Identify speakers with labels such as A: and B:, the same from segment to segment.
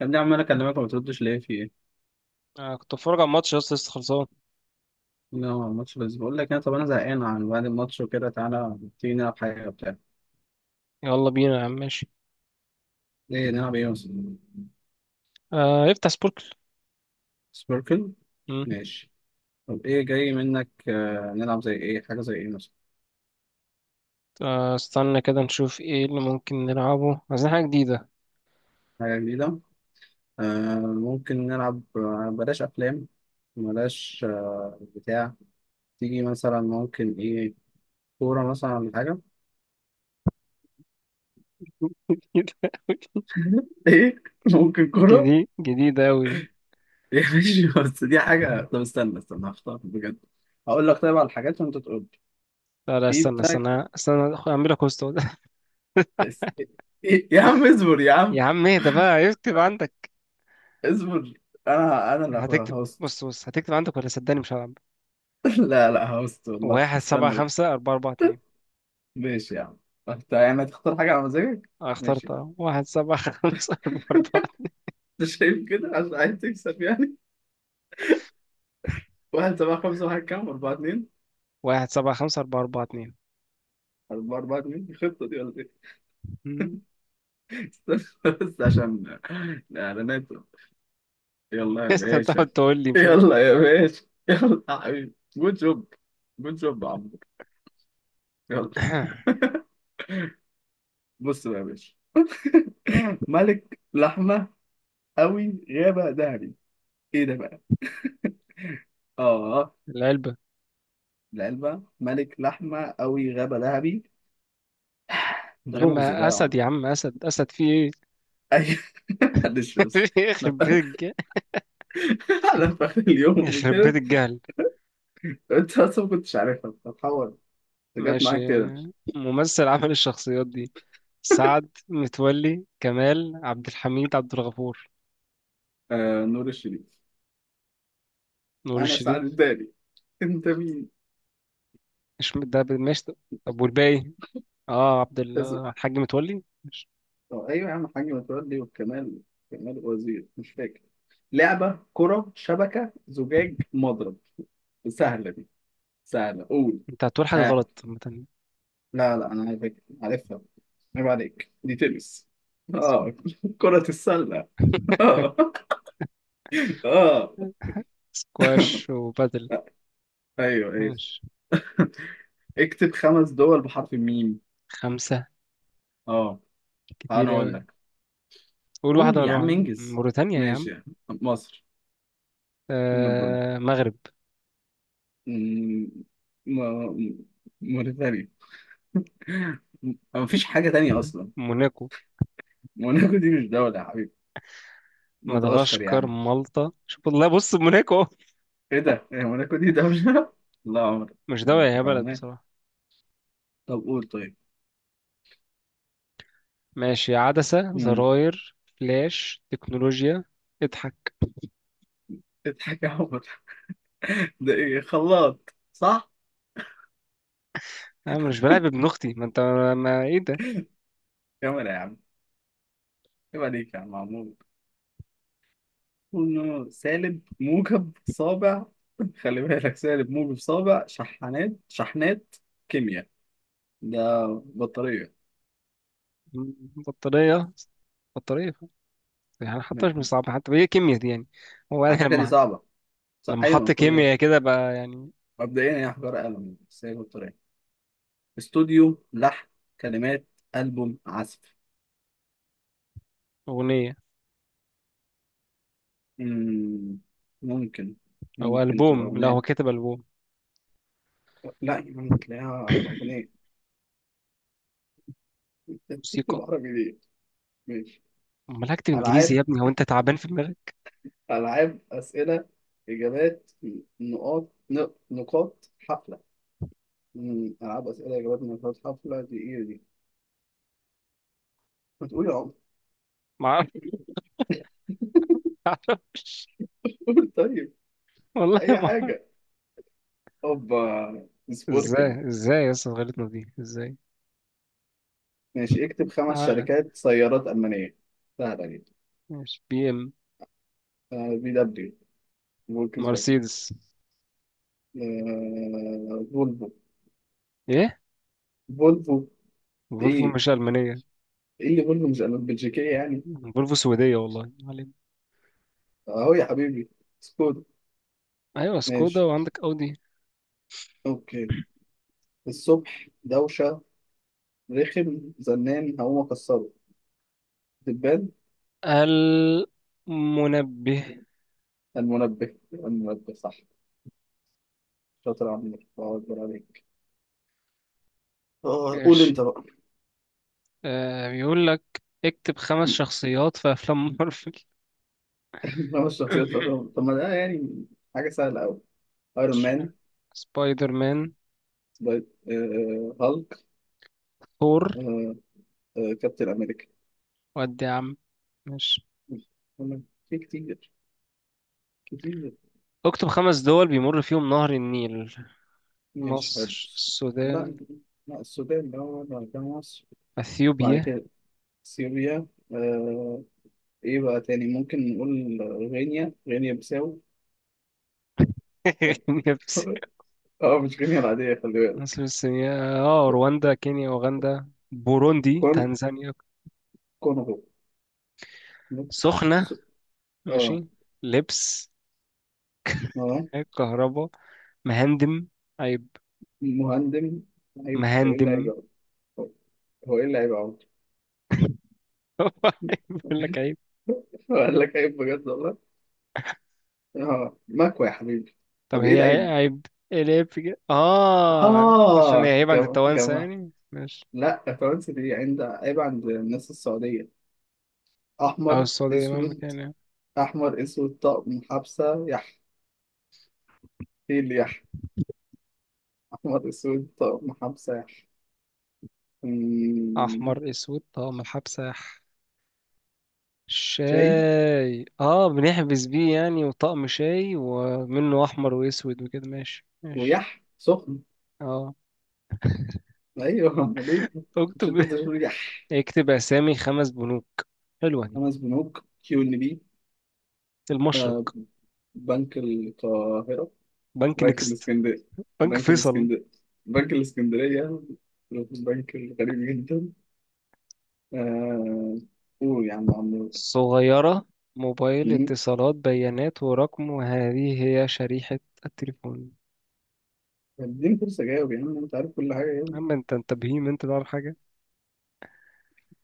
A: يا ابني، عمال اكلمك وما بتردش ليه؟ في ايه؟
B: آه، كنت بتفرج على الماتش لسه لسه خلصان.
A: لا، هو الماتش بس. بقول لك انا، طب انا زهقان. عن بعد الماتش وكده تعالى، تيجي نلعب حاجه وبتاع.
B: يلا بينا يا عم. ماشي.
A: ايه نلعب ايه مثلا؟
B: آه افتح سبوركل.
A: سبيركل؟
B: مم.
A: ماشي. طب ايه جاي منك؟ نلعب زي ايه، حاجه زي ايه مثلا؟
B: آه استنى كده نشوف ايه اللي ممكن نلعبه، عايزين حاجة جديدة.
A: حاجه جديده. ممكن نلعب، بلاش افلام. بلاش بتاع. تيجي مثلا ممكن ايه؟ كوره مثلا ولا حاجه؟
B: جديدة أوي.
A: ايه، ممكن كوره؟
B: جديدة أوي دي.
A: إيه، ماشي، بس دي حاجه. طب استنى استنى هختار بجد. هقول لك طيب على الحاجات وانت تقول.
B: لا لا
A: في
B: استنى
A: بتاع.
B: استنى استنى، أعملها كوست.
A: بس- يا عم اصبر، يا
B: يا
A: عم
B: عم اهدى بقى، اكتب عندك.
A: اصبر. انا اللي
B: هتكتب
A: هوست.
B: بص بص، هتكتب عندك ولا صدقني مش هلعب.
A: لا لا، هوست والله،
B: واحد سبعة
A: استنى
B: خمسة
A: بس.
B: أربعة أربعة اتنين
A: ماشي يا عم. انت يعني هتختار حاجة على مزاجك؟
B: أنا
A: ماشي
B: اخترت
A: يا عم.
B: أهو. واحد سبعة خمسة أربعة أربعة.
A: انت شايف كده عشان عايز تكسب يعني. واحد سبعة خمسة واحد كام أربعة اتنين؟
B: 175442.
A: أربعة أربعة اتنين؟ الخطة دي ولا إيه؟
B: مم.
A: استنى بس، عشان الإعلانات. يلا يا
B: لسه
A: باشا.
B: بتقعد تقول لي مش عارف ايه.
A: يلا يا باشا. يلا يا حبيبي، جود جوب. جود جوب يا عمرو. يلا. بص بقى يا باشا. ملك لحمة، أوي غابة ذهبي. إيه ده بقى؟ آه.
B: العلبة.
A: العلبة، ملك لحمة، أوي غابة ذهبي. ده
B: يا عم
A: لغز ده يا
B: أسد
A: عم.
B: يا عم أسد، أسد في إيه؟
A: أيوه. معلش بس. أنا
B: يخرب بيت
A: ف- أنا في آخر اليوم
B: يخرب بيت
A: وكده.
B: الجهل.
A: أنت أصلا ما كنتش عارفها بتتحول. أنت جت
B: ماشي.
A: معاك كده.
B: ممثل عمل الشخصيات دي، سعد متولي، كمال عبد الحميد، عبد الغفور.
A: آه، نور الشريف.
B: نور
A: أنا
B: الشريف.
A: سعد الدالي. أنت مين؟
B: مش ده ماشي طب. طب والباقي. اه
A: بس-
B: الحاج متولي مش.
A: آه، أيوه يا عم، حاج متولي والكمال. كمال وزير، مش فاكر. لعبة كرة شبكة زجاج مضرب. سهلة دي، سهلة، قول.
B: انت هتقول حاجة
A: ها.
B: غلط. عامة.
A: لا لا، انا عارف، عارفها. عيب عليك، دي تنس. اه كرة السلة. اه اه.
B: سكواش وبادل.
A: ايوه ايوه.
B: ماشي.
A: اكتب خمس دول بحرف الميم.
B: خمسة
A: اه، انا
B: كتير
A: اقول
B: أوي.
A: لك.
B: قول واحدة
A: قول يا
B: وأنا
A: عم،
B: واحدة،
A: انجز.
B: موريتانيا يا
A: ماشي
B: عم.
A: يا عم. مصر، ام الدنيا.
B: آه مغرب.
A: مم، م- موريتانيا. ما فيش حاجة تانية أصلا.
B: موناكو،
A: موناكو دي مش دولة يا حبيبي. مدغشقر يا
B: مدغشقر،
A: عم.
B: مالطا، شوف والله، بص موناكو أهو.
A: إيه ده؟ هي موناكو دي دولة؟ لا عمر.
B: مش
A: ده
B: دولة،
A: أنت
B: هي بلد
A: فاهمان.
B: بصراحة.
A: طب قول طيب.
B: ماشي. عدسة،
A: مم.
B: زراير، فلاش، تكنولوجيا. اضحك.
A: اضحك يا عمر. ده ايه، خلاط؟ صح،
B: انا مش بلعب ابن اختي ما انت. ما ايه ده؟
A: كاميرا يا عم. عيب عليك يا عم، عمود. إنه سالب موجب صابع. خلي بالك، سالب موجب صابع شحنات شحنات. كيمياء، ده بطارية.
B: بطارية. بطارية. يعني حتى مش صعب، حتى هي كيمياء دي يعني. هو
A: على
B: انا
A: فكرة دي
B: لما
A: صعبة. صح.
B: لما
A: أيوة،
B: حط
A: من كل ده.
B: كيمياء كده بقى يعني.
A: مبدئيا هي حجارة قلم بس هي بطارية. استوديو، لحن، كلمات، ألبوم، عزف.
B: اغنية.
A: مم، ممكن
B: او
A: ممكن تبقى
B: البوم. لا هو
A: أغنية.
B: كاتب البوم.
A: لا يا عم، تلاقيها أغنية. أنت بتكتب
B: موسيقى.
A: عربي ليه؟ ماشي.
B: امال هكتب انجليزي
A: ألعاب.
B: يا ابني؟ هو انت تعبان في دماغك؟
A: ألعاب، أسئلة، إجابات، نقاط، نقاط حفلة. ألعاب أسئلة إجابات نقاط حفلة، دي إيه دي؟ ما تقول يا عمر.
B: ما اعرفش.
A: قول طيب،
B: والله
A: أي
B: ما.
A: حاجة. أوبا
B: ازاي،
A: سبوركل.
B: ازاي اصلا غلطنا دي ازاي.
A: ماشي. اكتب خمس
B: اعلى.
A: شركات سيارات ألمانية، سهلة جدا.
B: ماشي، بي ام،
A: بي دبليو، فولكس فاجن.
B: مرسيدس.
A: فولفو.
B: ايه،
A: فولفو
B: فولفو
A: إيه؟
B: مش المانيه.
A: إيه اللي فولفو مش بلجيكية يعني؟
B: فولفو سويديه والله، ما علينا.
A: أهو يا حبيبي. سكودا.
B: ايوه سكودا،
A: ماشي.
B: وعندك اودي.
A: أوكي. الصبح دوشة، رخم زنان، هقوم أكسره دبان.
B: المنبه.
A: المنبه. المنبه صح، شاطر يا عمرو، الله أكبر عليك. قول
B: ماشي.
A: أنت بقى.
B: بيقول لك اكتب 5 شخصيات في افلام مارفل.
A: خمس شخصيات في أفلام؟ طب ما ده يعني حاجة سهلة أوي. أيرون
B: مش عارف.
A: مان.
B: سبايدر مان.
A: هالك.
B: ثور.
A: آه، كابتن أمريكا.
B: ودي يا عم. ماشي.
A: أنا في كتير، كتير.
B: اكتب 5 دول بيمر فيهم نهر النيل.
A: ماشي حلو.
B: مصر،
A: لا
B: السودان،
A: لا، السودان ده هو بعد كده مصر. بعد
B: اثيوبيا.
A: كده سوريا. آه، إيه بقى تاني ممكن نقول؟ غينيا، غينيا بيساو.
B: كينيا.
A: اه، مش غنية العادية، خلي بالك.
B: مصر السنية. اه رواندا، كينيا، أوغندا، بوروندي،
A: كون
B: تنزانيا.
A: كونغو. نت- س-
B: سخنة.
A: اه.
B: ماشي. لبس،
A: اه،
B: كهرباء، مهندم، عيب،
A: مهندم. عيب. هو ايه اللي عيب
B: مهندم.
A: أوي؟ هو هو ايه اللي عيب أوي؟
B: بيقول لك عيب.
A: قال لك عيب، بجد والله. اه مكوى يا حبيبي.
B: طب
A: طب ايه
B: هي
A: العيب؟
B: عيب. ايه العيب في كده؟ اه عشان هي
A: اه،
B: عيب عند
A: جماعة
B: التوانسة
A: جماعة.
B: يعني. ماشي.
A: لا، فرنسا دي عند عيب عند الناس السعودية.
B: او
A: أحمر
B: السعودية مهما
A: أسود.
B: كان يعني.
A: أحمر أسود طقم حبسة يح. ايه اللي يح؟ أحمر أسود طقم حبسة يح. أمم،
B: احمر اسود طقم الحبسة.
A: شاي
B: شاي، اه بنحبس بيه يعني، وطقم شاي ومنه احمر واسود وكده. ماشي ماشي.
A: ويح سخن.
B: اه،
A: ايوه، امال ايه. مش
B: اكتب.
A: انت تقول لي؟
B: اكتب اسامي 5 بنوك. حلوة دي.
A: خمس بنوك، كيو ان بي. آه،
B: المشرق،
A: بنك القاهرة،
B: بنك
A: بنك
B: نكست،
A: الاسكندرية،
B: بنك
A: بنك
B: فيصل.
A: الاسكندرية، بنك الاسكندرية، البنك الغريب جدا. آه. قول يا عم عمور.
B: صغيرة. موبايل،
A: مم.
B: اتصالات، بيانات ورقم، وهذه هي شريحة التليفون.
A: اديني فرصة جاوب يا عم، انت عارف كل حاجة يعني.
B: أما أنت بهيم، أنت تعرف حاجة.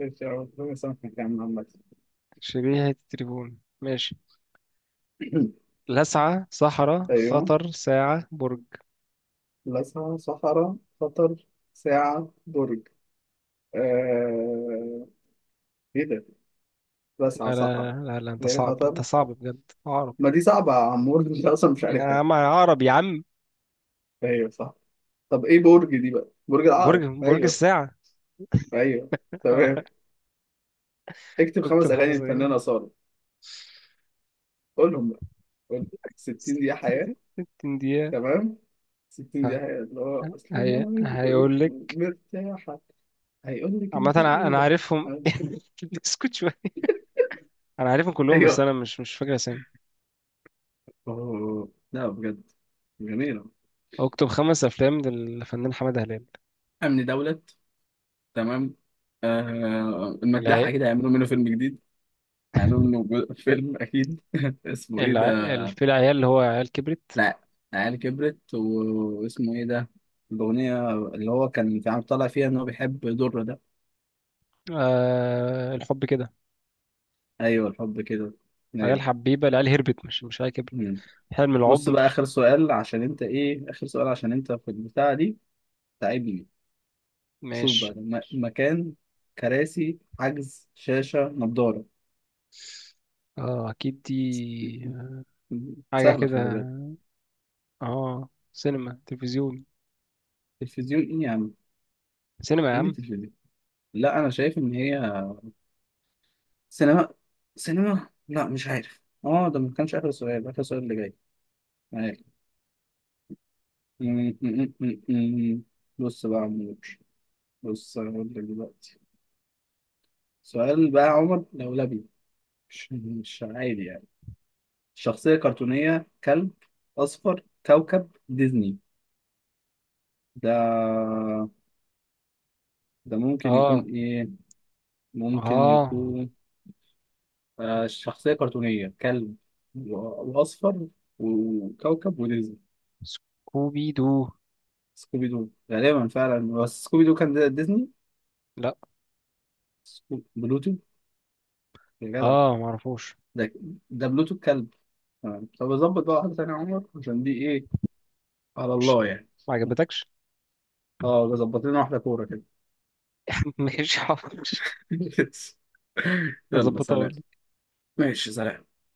A: ماشي يا عم، ربنا يسامحك يا عم عمال.
B: شريحة التليفون. ماشي. لسعة، صحراء،
A: ايوه.
B: خطر، ساعة، برج.
A: لسعة صحراء خطر ساعة برج. آه. ايه ده؟ لسعة
B: لا لا
A: صحراء،
B: لا، لا أنت
A: ليه
B: صعب أنت
A: خطر؟
B: صعب بجد، عقرب.
A: ما دي صعبة يا عم، برج انت اصلا مش
B: يا
A: عارفها.
B: عم عقرب يا عم.
A: ايوه صح. طب ايه برج دي بقى؟ برج
B: برج
A: العقرب،
B: برج
A: ايوه.
B: الساعة.
A: ايوه تمام. اكتب خمس
B: اكتب
A: اغاني
B: 5 دقايق.
A: الفنانة سارة، قولهم بقى، قول. 60 دقيقة، حياة.
B: 60 دقيقة.
A: تمام. 60 دقيقة حياة، اللي هو اصل انا
B: هي هيقول لك.
A: مرتاحة. هيقول لك
B: عامة
A: انت
B: أنا
A: الاولى.
B: عارفهم. اسكت شوية. انا عارفهم كلهم، بس انا
A: ايوه.
B: مش فاكر اسامي.
A: اوه لا، بجد جميلة.
B: اكتب 5 افلام للفنان حماده هلال.
A: امن دولة. تمام. آه،
B: العي...
A: المداحة كده هيعملوا منه فيلم جديد. هيعملوا منه فيلم اكيد. اسمه ايه
B: الع...
A: ده؟
B: في العيال اللي هو عيال كبرت.
A: لا، العيال كبرت واسمه ايه ده؟ الأغنية اللي هو كان في عم طالع فيها إن هو بيحب درة ده.
B: الحب كده.
A: أيوه، الحب كده.
B: عيال
A: أيوه.
B: حبيبه، العيال هربت، مش عيال كبرت.
A: مم.
B: حلم
A: بص بقى،
B: العمر.
A: آخر سؤال، عشان أنت إيه، آخر سؤال عشان أنت في البتاعة دي تعبني. شوف
B: ماشي.
A: بقى ده، مكان، كراسي، حجز، شاشة، نضارة.
B: اه اكيد دي،
A: مم.
B: حاجه
A: سهلة،
B: كده.
A: خلي بالك.
B: اه سينما تلفزيون.
A: تلفزيون إيه يا عم؟
B: سينما يا
A: إيه اللي
B: عم.
A: تلفزيون؟ لا، أنا شايف إن هي سينما. سينما. لا مش عارف، اه ده ما كانش آخر سؤال، آخر سؤال اللي جاي. بص بقى يا عمور، بص انا هقول لك دلوقتي. سؤال بقى يا عمر لولبي، مش عادي يعني. شخصية كرتونية، كلب أصفر، كوكب، ديزني. ده ده ممكن يكون
B: اه
A: إيه؟ ممكن
B: اه
A: يكون شخصية كرتونية، كلب وأصفر، وكوكب، وديزني.
B: سكوبي دو.
A: سكوبي دو غالبا فعلا، بس سكوبي دو كان ديزني؟
B: لا
A: بلوتو. يا جدع.
B: اه معرفوش.
A: ده ده بلوتو الكلب. تمام. طب ظبط بقى واحدة تانية يا عمر، عشان دي إيه، على
B: ماشي
A: الله يعني.
B: ما عجبتكش.
A: اه ظبط لنا واحدة كورة كده.
B: ماشي حاضر.
A: يلا
B: اظبطها
A: سلام.
B: اقول.
A: ماشي سلام.